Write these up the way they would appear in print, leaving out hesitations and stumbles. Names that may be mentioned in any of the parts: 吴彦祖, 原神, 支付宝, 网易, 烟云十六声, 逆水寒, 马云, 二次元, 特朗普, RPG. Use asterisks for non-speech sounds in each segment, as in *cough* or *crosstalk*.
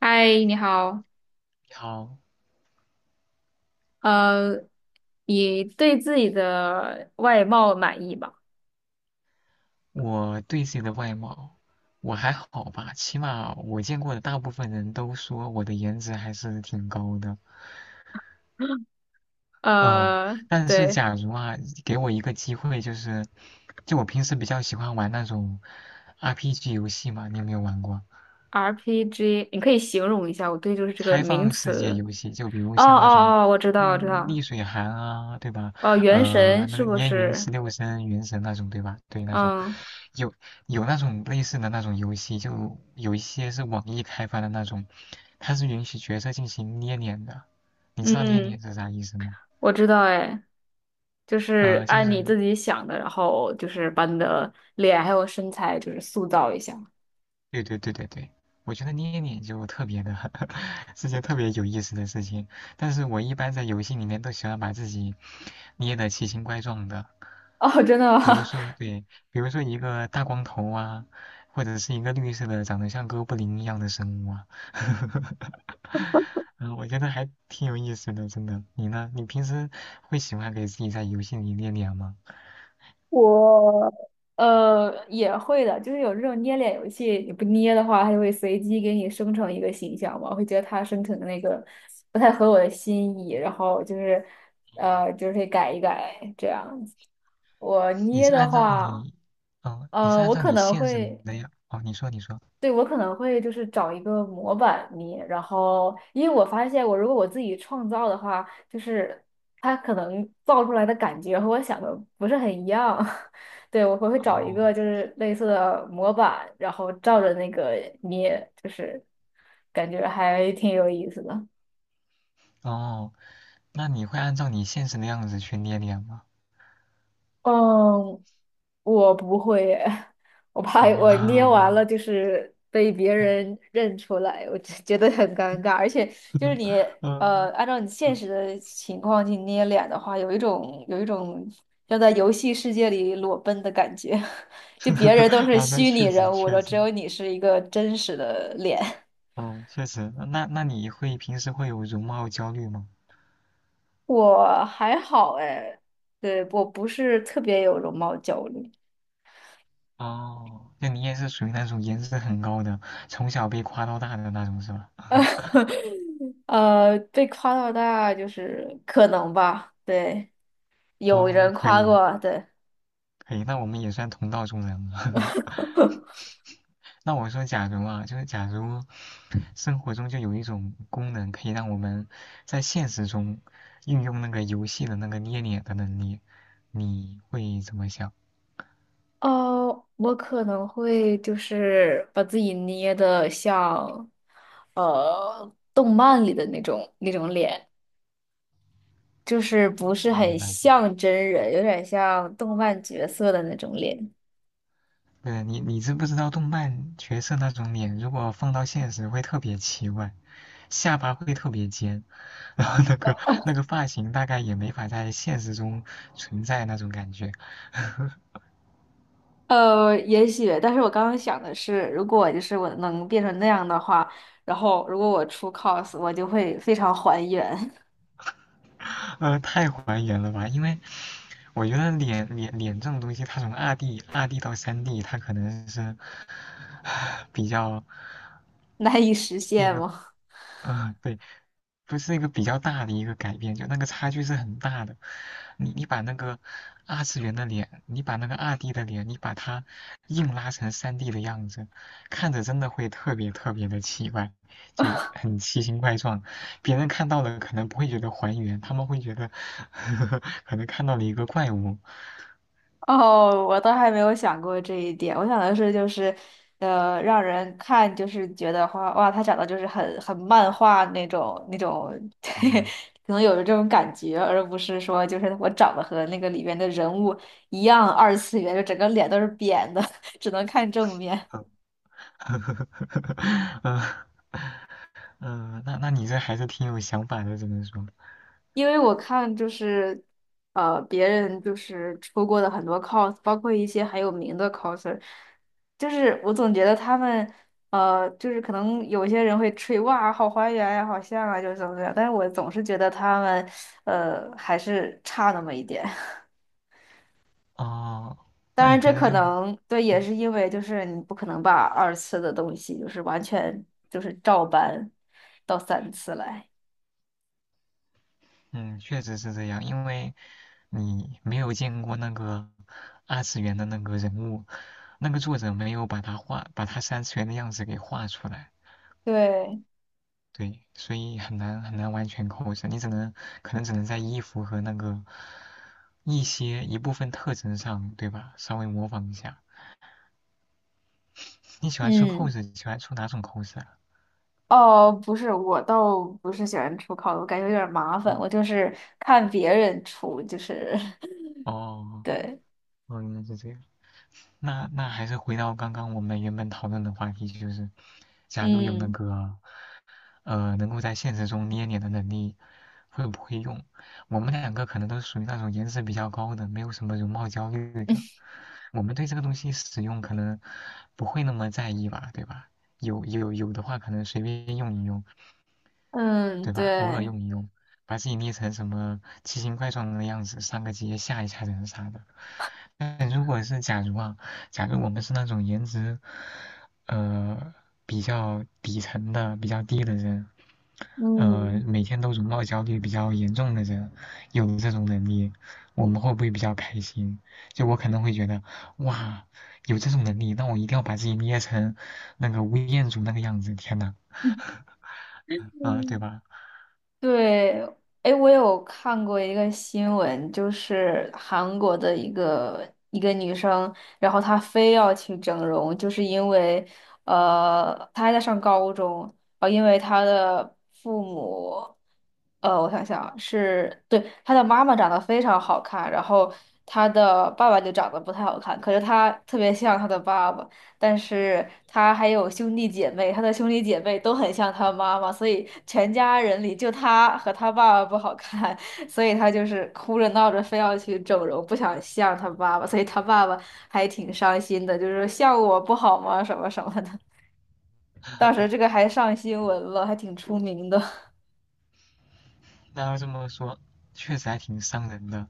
嗨，你好。好，呃，你对自己的外貌满意吗？我对自己的外貌，我还好吧，起码我见过的大部分人都说我的颜值还是挺高的。嗯，呃，但是对假如啊，给我一个机会，就是，就我平时比较喜欢玩那种 RPG 游戏嘛，你有没有玩过？，RPG，你可以形容一下，我对就是这个开名放世界词。游戏，就比如哦像那种，哦哦，我知道，我知道。逆水寒啊，对吧？哦，原神那是个不烟云是？十六声、原神那种，对吧？对，那种嗯有有那种类似的那种游戏，就有一些是网易开发的那种，它是允许角色进行捏脸的。你知道捏嗯，脸是啥意思吗？我知道，哎，就是就按你是自己想的，然后就是把你的脸还有身材就是塑造一下。对对对对对，我觉得捏脸就特别的 *laughs* 是件特别有意思的事情，但是我一般在游戏里面都喜欢把自己捏的奇形怪状的。哦，真的比如吗？说，对，比如说一个大光头啊，或者是一个绿色的，长得像哥布林一样的生物啊，*laughs* 嗯，我觉得还挺有意思的，真的。你呢？你平时会喜欢给自己在游戏里练脸吗？我也会的，就是有这种捏脸游戏，你不捏的话，它就会随机给你生成一个形象嘛，我会觉得它生成的那个不太合我的心意，然后就是就是可以改一改这样子。我你捏是按的照话，你，哦，你是按我照可你能现实会。的样，哦，你说，你说，对，我可能会就是找一个模板泥，然后因为我发现我如果我自己创造的话，就是它可能造出来的感觉和我想的不是很一样。*laughs* 对，我会找一个哦，就是类似的模板，然后照着那个捏，就是感觉还挺有意思的。哦，那你会按照你现实的样子去练脸吗？嗯，我不会耶 *laughs* 我怕我捏完哦，了就是被别人认出来，我就觉得很尴尬。而且 *laughs* 就是嗯，你 *laughs* 嗯，按照你现实的情况去捏脸的话，有一种要在游戏世界里裸奔的感觉，*laughs* 就别人都是啊，那虚拟确实人物，然确后只实，有你是一个真实的脸。哦，确实，那你会平时会有容貌焦虑吗？我还好哎，对，我不是特别有容貌焦虑。哦，那你也是属于那种颜值很高的，从小被夸到大的那种是吧？*laughs* 被夸到大就是可能吧，对，有哦，人可夸以过，对。可以，那我们也算同道中人了。*laughs* *laughs* 那我说，假如啊，就是假如生活中就有一种功能，可以让我们在现实中运用那个游戏的那个捏脸的能力，你会怎么想？哦，我可能会就是把自己捏的像动漫里的那种脸，就是不那是你的很那种？像真人，有点像动漫角色的那种脸。对，你知不知道动漫角色那种脸，如果放到现实会特别奇怪，下巴会特别尖，然后那个发型大概也没法在现实中存在那种感觉，也许，但是我刚刚想的是，如果就是我能变成那样的话，然后如果我出 cos，我就会非常还原，太还原了吧？因为我觉得脸这种东西，它从二 D 到三 D，它可能是 *sighs* 比较 *laughs* 难以实是一现个，吗？嗯、对，不是一个比较大的一个改变，就那个差距是很大的。你把那个二次元的脸，你把那个二 D 的脸，你把它硬拉成三 D 的样子，看着真的会特别特别的奇怪，就很奇形怪状。别人看到了可能不会觉得还原，他们会觉得 *laughs* 可能看到了一个怪物。*laughs* 哦，我倒还没有想过这一点。我想的是，就是，让人看就是觉得哇，他长得就是很漫画那种，*laughs* 对，嗯，可能有这种感觉，而不是说就是我长得和那个里边的人物一样二次元，就整个脸都是扁的，*laughs* 只能看正面。嗯 *laughs* 嗯，那你这还是挺有想法的，只能说。因为我看就是，别人就是出过的很多 cos，包括一些很有名的 coser，就是我总觉得他们，就是可能有些人会吹哇，好还原呀，好像啊，就是怎么怎么样，但是我总是觉得他们，还是差那么一点。*laughs* 哦，当那然，你这平时可就。能对，也嗯是因为就是你不可能把二次的东西就是完全就是照搬到三次来，嗯，确实是这样，因为你没有见过那个二次元的那个人物，那个作者没有把他画，把他三次元的样子给画出来，对，对，所以很难很难完全扣上，你只能可能只能在衣服和那个一些一部分特征上，对吧？稍微模仿一下。你喜欢出 嗯。cos，喜欢出哪种扣子啊？哦，不是，我倒不是喜欢出烤的，我感觉有点儿麻烦。哦我就是看别人出，就是 *laughs* 哦对，哦，原来是这样。那还是回到刚刚我们原本讨论的话题，就是假如有那嗯 个。能够在现实中捏脸的能力会不会用。我们两个可能都属于那种颜值比较高的，没有什么容貌焦虑的。*laughs* 我们对这个东西使用可能不会那么在意吧，对吧？有的话，可能随便用一用，嗯，对吧？偶尔对，用一用，把自己捏成什么奇形怪状的样子，上个街吓一吓人啥的。但如果是假如啊，假如我们是那种颜值，呃，比较底层的、比较低的人。嗯 每天都容貌焦虑比较严重的人，有了这种能力，我们会不会比较开心？就我可能会觉得，哇，有这种能力，那我一定要把自己捏成那个吴彦祖那个样子，天呐，*laughs*。*laughs* 啊，对嗯吧？对，哎，我有看过一个新闻，就是韩国的一个女生，然后她非要去整容，就是因为，她还在上高中，因为她的父母，我想想啊是，对，她的妈妈长得非常好看，然后她的爸爸就长得不太好看，可是她特别像她的爸爸，但是他还有兄弟姐妹，他的兄弟姐妹都很像他妈妈，所以全家人里就他和他爸爸不好看，*laughs* 所以他就是哭着闹着非要去整容，不想像他爸爸，所以他爸爸还挺伤心的，就是说像我不好吗？什么什么的。当时这个还上新闻了，还挺出名的。*laughs* 那要这么说，确实还挺伤人的。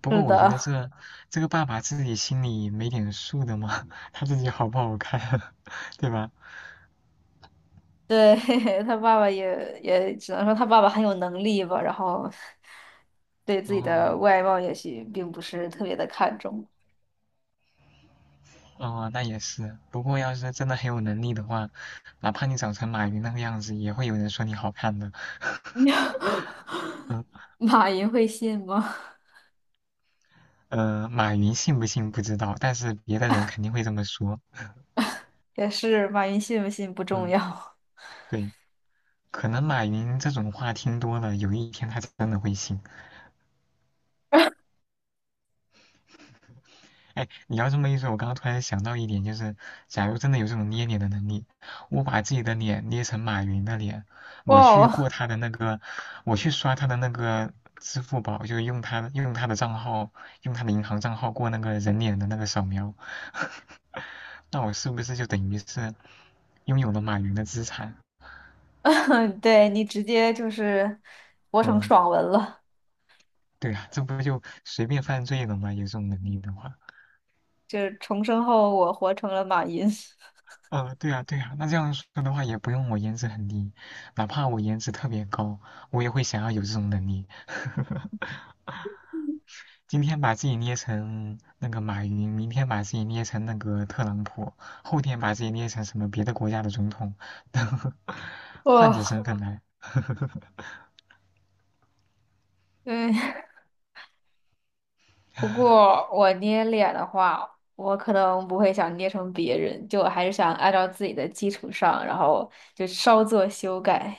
不是过我觉得的，这个爸爸自己心里没点数的吗？*laughs* 他自己好不好看，*laughs* 对吧？对，*laughs* 他爸爸也只能说他爸爸很有能力吧，然后对自己的哦，外貌也许并不是特别的看重。哦，那也是。不过要是真的很有能力的话，哪怕你长成马云那个样子，也会有人说你好看的。*laughs* *laughs* 嗯马云会信吗？马云信不信不知道，但是别的人肯定会这么说。*laughs* 也是，马云信不信不重嗯，要。对，可能马云这种话听多了，有一天他真的会信。哎，你要这么一说，我刚刚突然想到一点，就是假如真的有这种捏脸的能力，我把自己的脸捏成马云的脸，我哇去过哦，他的那个，我去刷他的那个支付宝，就用他的账号，用他的银行账号过那个人脸的那个扫描，*laughs* 那我是不是就等于是拥有了马云的资产？*laughs* 对你直接就是活成嗯，爽文了，对啊，这不就随便犯罪了吗？有这种能力的话。就是重生后我活成了马云。对啊，对啊，那这样说的话，也不用我颜值很低，哪怕我颜值特别高，我也会想要有这种能力。*laughs* 今天把自己捏成那个马云，明天把自己捏成那个特朗普，后天把自己捏成什么别的国家的总统，*laughs* *laughs* 哇换着哦，身份来。对。*laughs* 不过我捏脸的话，我可能不会想捏成别人，就我还是想按照自己的基础上，然后就稍作修改。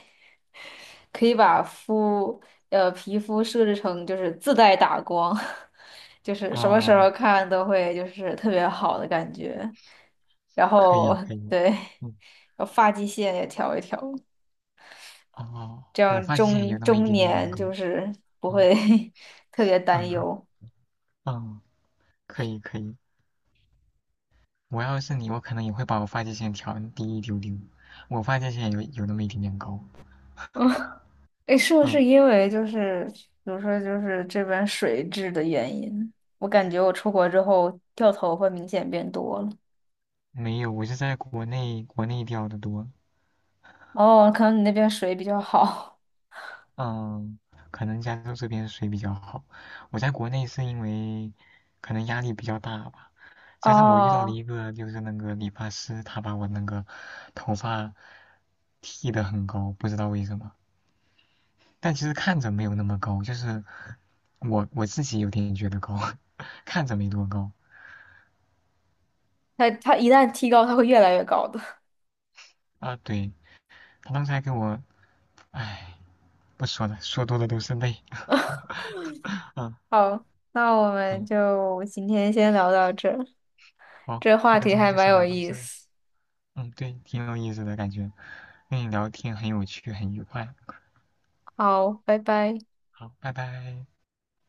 可以把肤皮肤设置成就是自带打光，*laughs* 就是什么时哦，候看都会就是特别好的感觉。然可以后可以，对，嗯，然后发际线也调一调，哦，这我样发际线有中那么一中点点年高，就是不嗯会 *laughs* 特别担嗯忧。嗯，可以可以。我要是你，我可能也会把我发际线调低一丢丢。我发际线有那么一点点高。嗯，诶，是不嗯，是因为就是比如说就是这边水质的原因，我感觉我出国之后掉头发明显变多了。没有，我是在国内掉的多。哦，可能你那边水比较好。嗯，可能加州这边水比较好。我在国内是因为可能压力比较大吧，加上我遇到了哦，一个就是那个理发师，他把我那个头发剃的很高，不知道为什么。但其实看着没有那么高，就是我自己有点觉得高，*laughs* 看着没多高它一旦提高，它会越来越高的。啊。对，他刚才给我，唉，不说了，说多了都是泪。嗯 *laughs* 好，那我们嗯，就今天先聊到这儿，好，这话那题今天还就蛮先有聊到意这。思。嗯，对，挺有意思的感觉，跟你聊天很有趣，很愉快。好，拜拜。好，拜拜。